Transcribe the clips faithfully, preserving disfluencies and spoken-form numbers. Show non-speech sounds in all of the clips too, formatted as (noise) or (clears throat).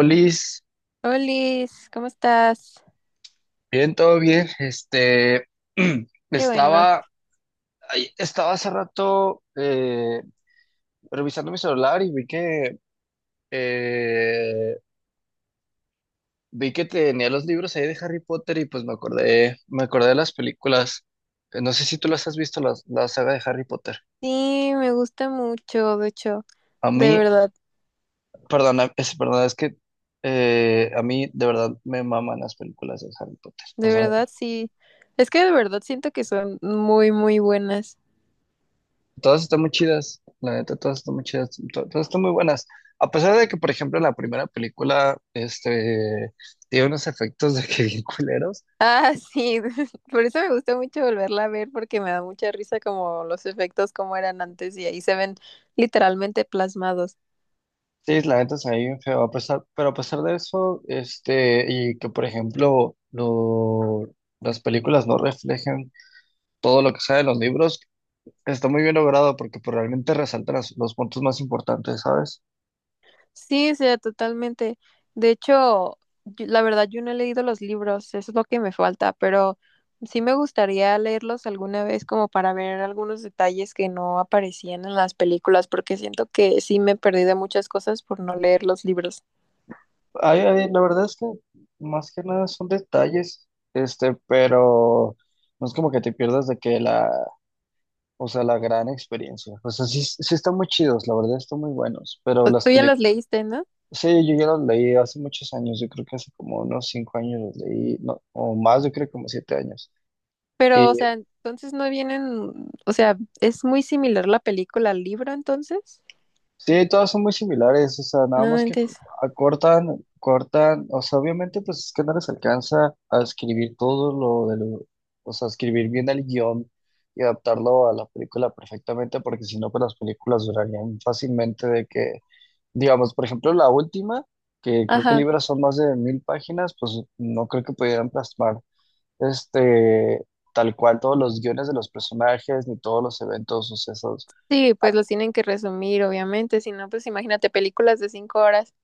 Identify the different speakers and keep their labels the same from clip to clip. Speaker 1: Olis,
Speaker 2: Olis, ¿cómo estás?
Speaker 1: bien, todo bien. Este, (clears throat)
Speaker 2: Qué bueno.
Speaker 1: estaba, ay, estaba hace rato eh, revisando mi celular y vi que eh, vi que tenía los libros ahí de Harry Potter y pues me acordé, me acordé de las películas. Eh, No sé si tú las has visto, las, la saga de Harry Potter.
Speaker 2: Sí, me gusta mucho, de hecho,
Speaker 1: A
Speaker 2: de
Speaker 1: mí,
Speaker 2: verdad,
Speaker 1: perdón, es, perdón es que eh, a mí de verdad me maman las películas de Harry Potter. O
Speaker 2: de
Speaker 1: sea,
Speaker 2: verdad sí. Es que de verdad siento que son muy, muy buenas.
Speaker 1: todas están muy chidas, la neta, todas están muy chidas, to- todas están muy buenas. A pesar de que, por ejemplo, la primera película, este, tiene unos efectos de que bien culeros.
Speaker 2: Ah, sí, (laughs) por eso me gusta mucho volverla a ver porque me da mucha risa como los efectos como eran antes y ahí se ven literalmente plasmados.
Speaker 1: Sí, la neta se ve bien feo, a pesar, pero a pesar de eso, este, y que, por ejemplo, lo- las películas no reflejen todo lo que sale en los libros, está muy bien logrado porque pues, realmente resaltan las- los puntos más importantes, ¿sabes?
Speaker 2: Sí, sí, totalmente. De hecho, yo- la verdad yo no he leído los libros, eso es lo que me falta, pero sí me gustaría leerlos alguna vez como para ver algunos detalles que no aparecían en las películas, porque siento que sí me perdí de muchas cosas por no leer los libros.
Speaker 1: Ay, ay, la verdad es que más que nada son detalles, este, pero no es como que te pierdas de que la, o sea, la gran experiencia. O sea, sí, sí están muy chidos, la verdad están muy buenos, pero
Speaker 2: O-
Speaker 1: las
Speaker 2: Tú ya los
Speaker 1: películas,
Speaker 2: leíste, ¿no?
Speaker 1: sí, yo ya los leí hace muchos años, yo creo que hace como unos cinco años los leí, no, o más, yo creo que como siete años.
Speaker 2: Pero, o sea, entonces no vienen, o sea, es muy similar la película al libro, entonces.
Speaker 1: Sí, todas son muy similares, o sea, nada
Speaker 2: No
Speaker 1: más que co-
Speaker 2: mentes.
Speaker 1: acortan, cortan, o sea, obviamente pues es que no les alcanza a escribir todo lo de lo, o sea, escribir bien el guión y adaptarlo a la película perfectamente, porque si no, pues las películas durarían fácilmente de que, digamos, por ejemplo, la última, que creo que
Speaker 2: Ajá.
Speaker 1: libras son más de mil páginas, pues no creo que pudieran plasmar, este, tal cual todos los guiones de los personajes ni todos los eventos sucesos.
Speaker 2: Sí, pues los tienen que resumir, obviamente, si no, pues imagínate películas de cinco horas.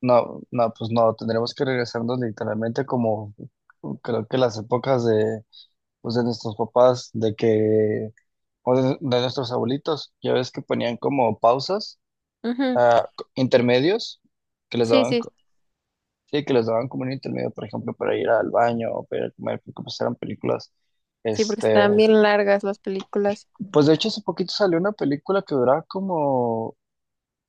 Speaker 1: No, no, pues no, tendríamos que regresarnos literalmente como creo que las épocas de, pues de nuestros papás, de que, o de, de nuestros abuelitos, ya ves que ponían como pausas,
Speaker 2: Ujú.
Speaker 1: ah, co- intermedios, que les
Speaker 2: Sí,
Speaker 1: daban,
Speaker 2: sí,
Speaker 1: co- sí, que les daban como un intermedio, por ejemplo, para ir al baño o para ir a comer, porque pues eran películas,
Speaker 2: sí, porque
Speaker 1: este,
Speaker 2: están bien largas las películas.
Speaker 1: pues de hecho hace poquito salió una película que duraba como,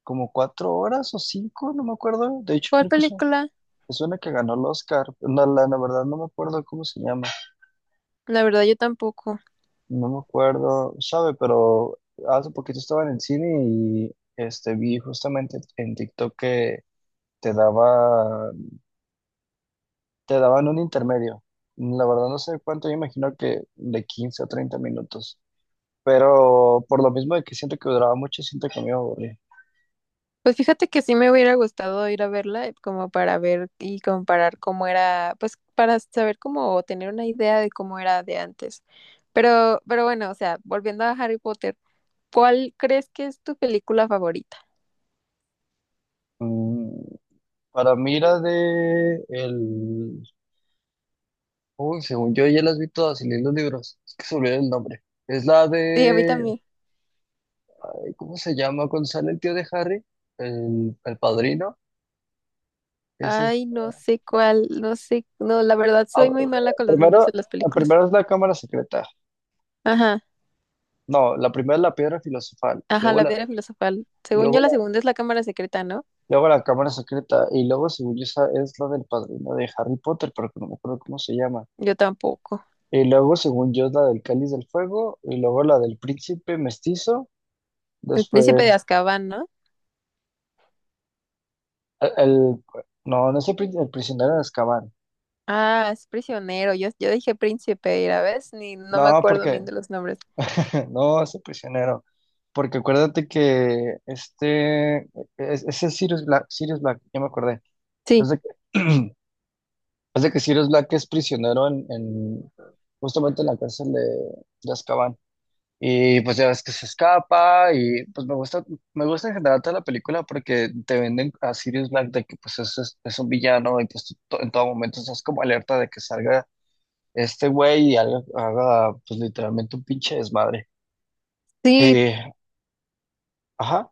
Speaker 1: como cuatro horas o cinco, no me acuerdo, de hecho
Speaker 2: ¿Cuál
Speaker 1: creo que es.
Speaker 2: película?
Speaker 1: Es una que ganó el Oscar. No, la, la verdad no me acuerdo cómo se llama.
Speaker 2: La verdad, yo tampoco.
Speaker 1: No me acuerdo, sabe, pero hace poquito estaba en el cine y este vi justamente en TikTok que te daba, te daban un intermedio. La verdad no sé cuánto, yo imagino que de quince a treinta minutos. Pero por lo mismo de que siento que duraba mucho, siento que me aburrí.
Speaker 2: Pues fíjate que sí me hubiera gustado ir a verla, eh, como para ver y comparar cómo era, pues para saber cómo o tener una idea de cómo era de antes. Pero, pero bueno, o sea, volviendo a Harry Potter, ¿cuál crees que es tu película favorita?
Speaker 1: Mm, para mí la de el. Uy, según yo ya las vi todas y leí los libros. Es que se me olvidó el nombre. Es la
Speaker 2: Sí, a mí
Speaker 1: de.
Speaker 2: también.
Speaker 1: ¿Cómo se llama Gonzalo, el tío de Harry? El, el padrino. Ese es,
Speaker 2: Ay, no sé cuál, no sé, no, la verdad
Speaker 1: ah,
Speaker 2: soy muy mala con los nombres
Speaker 1: primero,
Speaker 2: de las películas.
Speaker 1: primero, es la cámara secreta.
Speaker 2: Ajá,
Speaker 1: No, la primera es la piedra filosofal.
Speaker 2: ajá,
Speaker 1: Luego
Speaker 2: la
Speaker 1: la,
Speaker 2: piedra filosofal. Según yo,
Speaker 1: luego
Speaker 2: la
Speaker 1: la,
Speaker 2: segunda es la cámara secreta, ¿no?
Speaker 1: Luego la cámara secreta. Y luego, según yo, esa es la del padrino de Harry Potter, pero que no me acuerdo cómo se llama.
Speaker 2: Yo tampoco.
Speaker 1: Y luego, según yo, es la del cáliz del fuego. Y luego la del príncipe mestizo.
Speaker 2: El príncipe de
Speaker 1: Después,
Speaker 2: Azkaban, ¿no?
Speaker 1: el, el- no, no es el, prin- el prisionero de Azkaban.
Speaker 2: Ah, es prisionero. Yo, yo dije príncipe, y la ves, ni no me
Speaker 1: No,
Speaker 2: acuerdo
Speaker 1: porque.
Speaker 2: bien de los nombres.
Speaker 1: (laughs) No, ese prisionero. Porque acuérdate que este, es- ese es Sirius Black, Sirius Black, ya me acordé.
Speaker 2: Sí,
Speaker 1: Es de que, (clears throat) es de que Sirius Black es prisionero en, en- justamente en la cárcel de, de Azkaban. Y pues ya ves que se escapa y pues me gusta, me gusta en general toda la película porque te venden a Sirius Black de que pues es, es, es un villano y pues tú to- en todo momento estás como alerta de que salga este güey y haga, haga, pues literalmente un pinche desmadre.
Speaker 2: sí.
Speaker 1: Eh, ajá.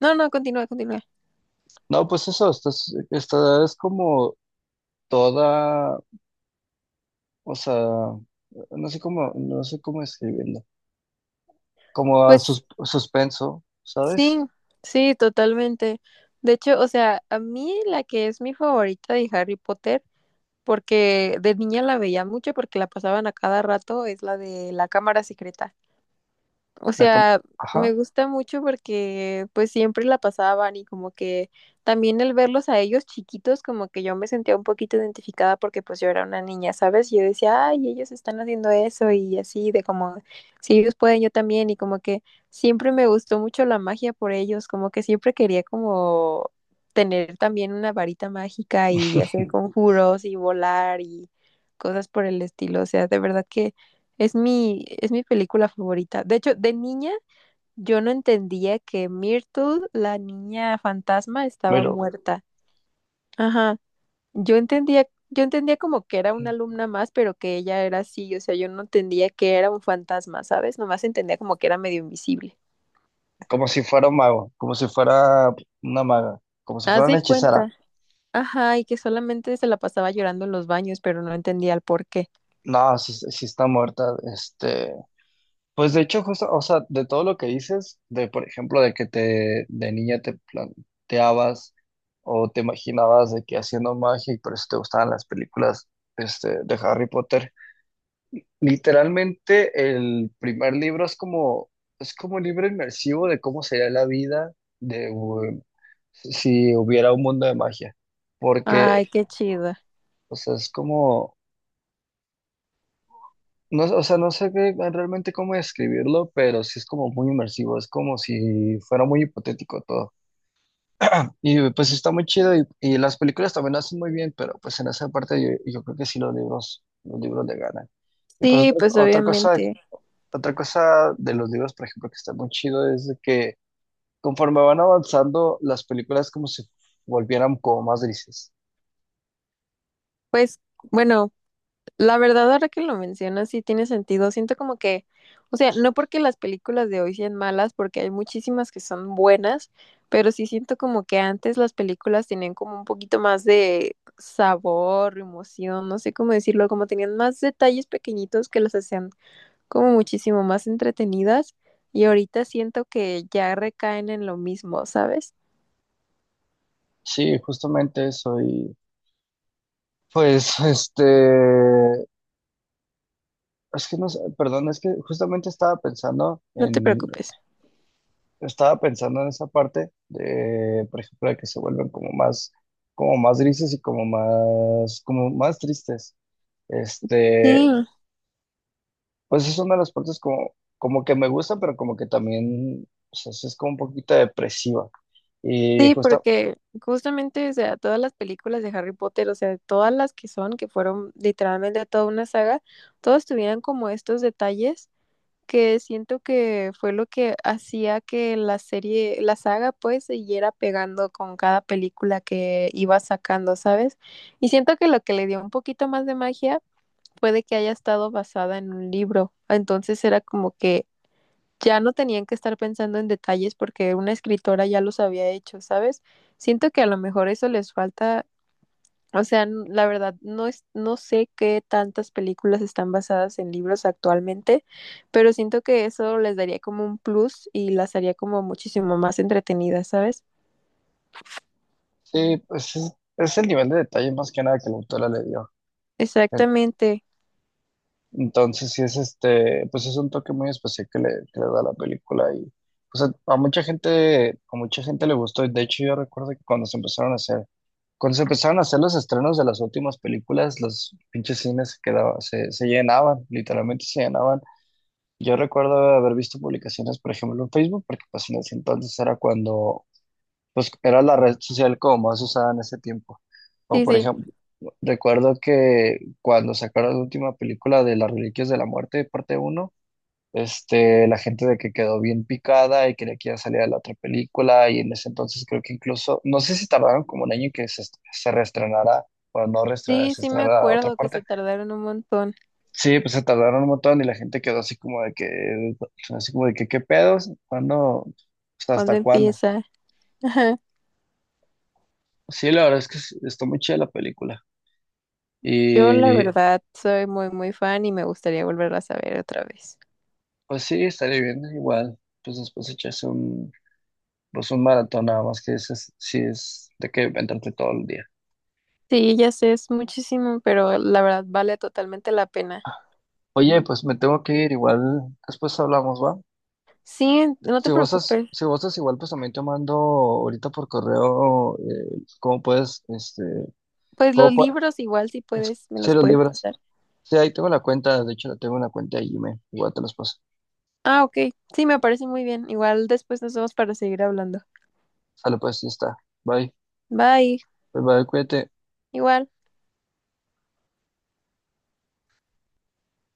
Speaker 2: No, no, continúa, continúa.
Speaker 1: No, pues eso, esta es, esta es como toda, o sea, no sé cómo, no sé cómo escribirlo, como a
Speaker 2: Pues
Speaker 1: sus- suspenso,
Speaker 2: sí,
Speaker 1: ¿sabes?
Speaker 2: sí, totalmente. De hecho, o sea, a mí la que es mi favorita de Harry Potter, porque de niña la veía mucho porque la pasaban a cada rato, es la de la cámara secreta. O
Speaker 1: O sea, como-
Speaker 2: sea, me
Speaker 1: ajá,
Speaker 2: gusta mucho porque pues siempre la pasaban y como que también el verlos a ellos chiquitos, como que yo me sentía un poquito identificada porque pues yo era una niña, ¿sabes? Yo decía, ay, ellos están haciendo eso y así, de como, si ellos pueden, yo también y como que siempre me gustó mucho la magia por ellos, como que siempre quería como tener también una varita mágica y hacer
Speaker 1: (laughs)
Speaker 2: conjuros y volar y cosas por el estilo, o sea, de verdad que... Es mi, es mi película favorita. De hecho, de niña yo no entendía que Myrtle, la niña fantasma, estaba
Speaker 1: pero
Speaker 2: muerta. Ajá. Yo entendía, yo entendía como que era una alumna más, pero que ella era así. O sea, yo no entendía que era un fantasma, ¿sabes? Nomás entendía como que era medio invisible.
Speaker 1: como si fuera un mago, como si fuera una maga, como si
Speaker 2: Haz
Speaker 1: fuera una
Speaker 2: de
Speaker 1: hechicera.
Speaker 2: cuenta. Ajá, y que solamente se la pasaba llorando en los baños, pero no entendía el por qué.
Speaker 1: No, si, si está muerta. este Pues de hecho, justo, o sea, de todo lo que dices, de por ejemplo, de que te de niña te planteabas o te imaginabas de que haciendo magia y por eso te gustaban las películas, este, de Harry Potter. Literalmente el primer libro es como, es como un libro inmersivo de cómo sería la vida de um, si si hubiera un mundo de magia. Porque,
Speaker 2: Ay, qué chido.
Speaker 1: o sea, es como. No, o sea, no sé qué- realmente cómo describirlo, pero sí es como muy inmersivo, es como si fuera muy hipotético todo. Y pues está muy chido y, y las películas también lo hacen muy bien, pero pues en esa parte yo, yo creo que sí los libros, los libros le ganan. Y pues
Speaker 2: Sí,
Speaker 1: otra,
Speaker 2: pues
Speaker 1: otra cosa,
Speaker 2: obviamente.
Speaker 1: otra cosa de los libros, por ejemplo, que está muy chido es de que conforme van avanzando, las películas como si volvieran como más grises.
Speaker 2: Pues, bueno, la verdad, ahora que lo mencionas, sí tiene sentido. Siento como que, o sea, no porque las películas de hoy sean malas, porque hay muchísimas que son buenas, pero sí siento como que antes las películas tenían como un poquito más de sabor, emoción, no sé cómo decirlo, como tenían más detalles pequeñitos que las hacían como muchísimo más entretenidas y ahorita siento que ya recaen en lo mismo, ¿sabes?
Speaker 1: Sí, justamente eso y pues este es que no sé, perdón, es que justamente estaba pensando
Speaker 2: No te
Speaker 1: en,
Speaker 2: preocupes.
Speaker 1: estaba pensando en esa parte de, por ejemplo, de que se vuelven como más, como más grises y como más, como más tristes. Este,
Speaker 2: Sí,
Speaker 1: pues es una de las partes como, como que me gusta, pero como que también, o sea, sí es como un poquito depresiva. Y
Speaker 2: sí,
Speaker 1: justo,
Speaker 2: porque justamente, o sea, todas las películas de Harry Potter, o sea, todas las que son, que fueron literalmente toda una saga, todas tuvieran como estos detalles que siento que fue lo que hacía que la serie, la saga, pues, siguiera pegando con cada película que iba sacando, ¿sabes? Y siento que lo que le dio un poquito más de magia fue de que haya estado basada en un libro. Entonces era como que ya no tenían que estar pensando en detalles porque una escritora ya los había hecho, ¿sabes? Siento que a lo mejor eso les falta, o sea, n- la verdad, no es, no sé qué tantas películas están basadas en libros actualmente, pero siento que eso les daría como un plus y las haría como muchísimo más entretenidas, ¿sabes?
Speaker 1: sí, pues es, es el nivel de detalle más que nada que la autora le dio.
Speaker 2: Exactamente.
Speaker 1: Entonces, sí es este, pues es un toque muy especial que le, que le da a la película y pues a, a mucha gente, a mucha gente le gustó. De hecho, yo recuerdo que cuando se empezaron a hacer, cuando se empezaron a hacer los estrenos de las últimas películas, los pinches cines se quedaban, se, se llenaban, literalmente se llenaban. Yo recuerdo haber visto publicaciones, por ejemplo, en Facebook, porque pues en ese entonces era cuando pues era la red social como más usada en ese tiempo. O
Speaker 2: Sí,
Speaker 1: por
Speaker 2: sí.
Speaker 1: ejemplo, recuerdo que cuando sacaron la última película de Las Reliquias de la Muerte, parte uno, este, la gente de que quedó bien picada y quería que ya saliera la otra película y en ese entonces creo que incluso, no sé si tardaron como un año en que se, est- se reestrenara. O no reestrenara,
Speaker 2: Sí,
Speaker 1: se
Speaker 2: sí me
Speaker 1: estrenara la otra
Speaker 2: acuerdo que
Speaker 1: parte.
Speaker 2: se tardaron un montón.
Speaker 1: Sí, pues se tardaron un montón y la gente quedó así como de que, así como de que, ¿qué pedos? ¿Cuándo? O sea, ¿hasta
Speaker 2: ¿Cuándo
Speaker 1: cuándo?
Speaker 2: empieza? (laughs) Ajá.
Speaker 1: Sí, la verdad es que es- está muy chida la película.
Speaker 2: Yo la
Speaker 1: Y
Speaker 2: verdad soy muy, muy fan y me gustaría volverlas a ver otra vez.
Speaker 1: pues sí, estaría bien, igual. Pues después echarse un, pues un maratón nada más que ese es- sí es de que entrarte todo el día.
Speaker 2: Sí, ya sé, es muchísimo, pero la verdad vale totalmente la pena.
Speaker 1: Oye, pues me tengo que ir, igual después hablamos, ¿va?
Speaker 2: Sí, no
Speaker 1: Si
Speaker 2: te
Speaker 1: gozas,
Speaker 2: preocupes.
Speaker 1: si gozas igual, pues también te mando ahorita por correo eh, cómo puedes, este,
Speaker 2: Pues
Speaker 1: cómo
Speaker 2: los
Speaker 1: puedes,
Speaker 2: libros igual si puedes, me
Speaker 1: si
Speaker 2: los
Speaker 1: los
Speaker 2: puedes
Speaker 1: libras.
Speaker 2: pasar.
Speaker 1: Sí, ahí tengo la cuenta, de hecho la tengo en la cuenta de Gmail, igual te los paso.
Speaker 2: Ah, ok. Sí, me parece muy bien. Igual después nos vemos para seguir hablando.
Speaker 1: Sale pues, ya está. Bye,
Speaker 2: Bye.
Speaker 1: bye, bye, cuídate.
Speaker 2: Igual.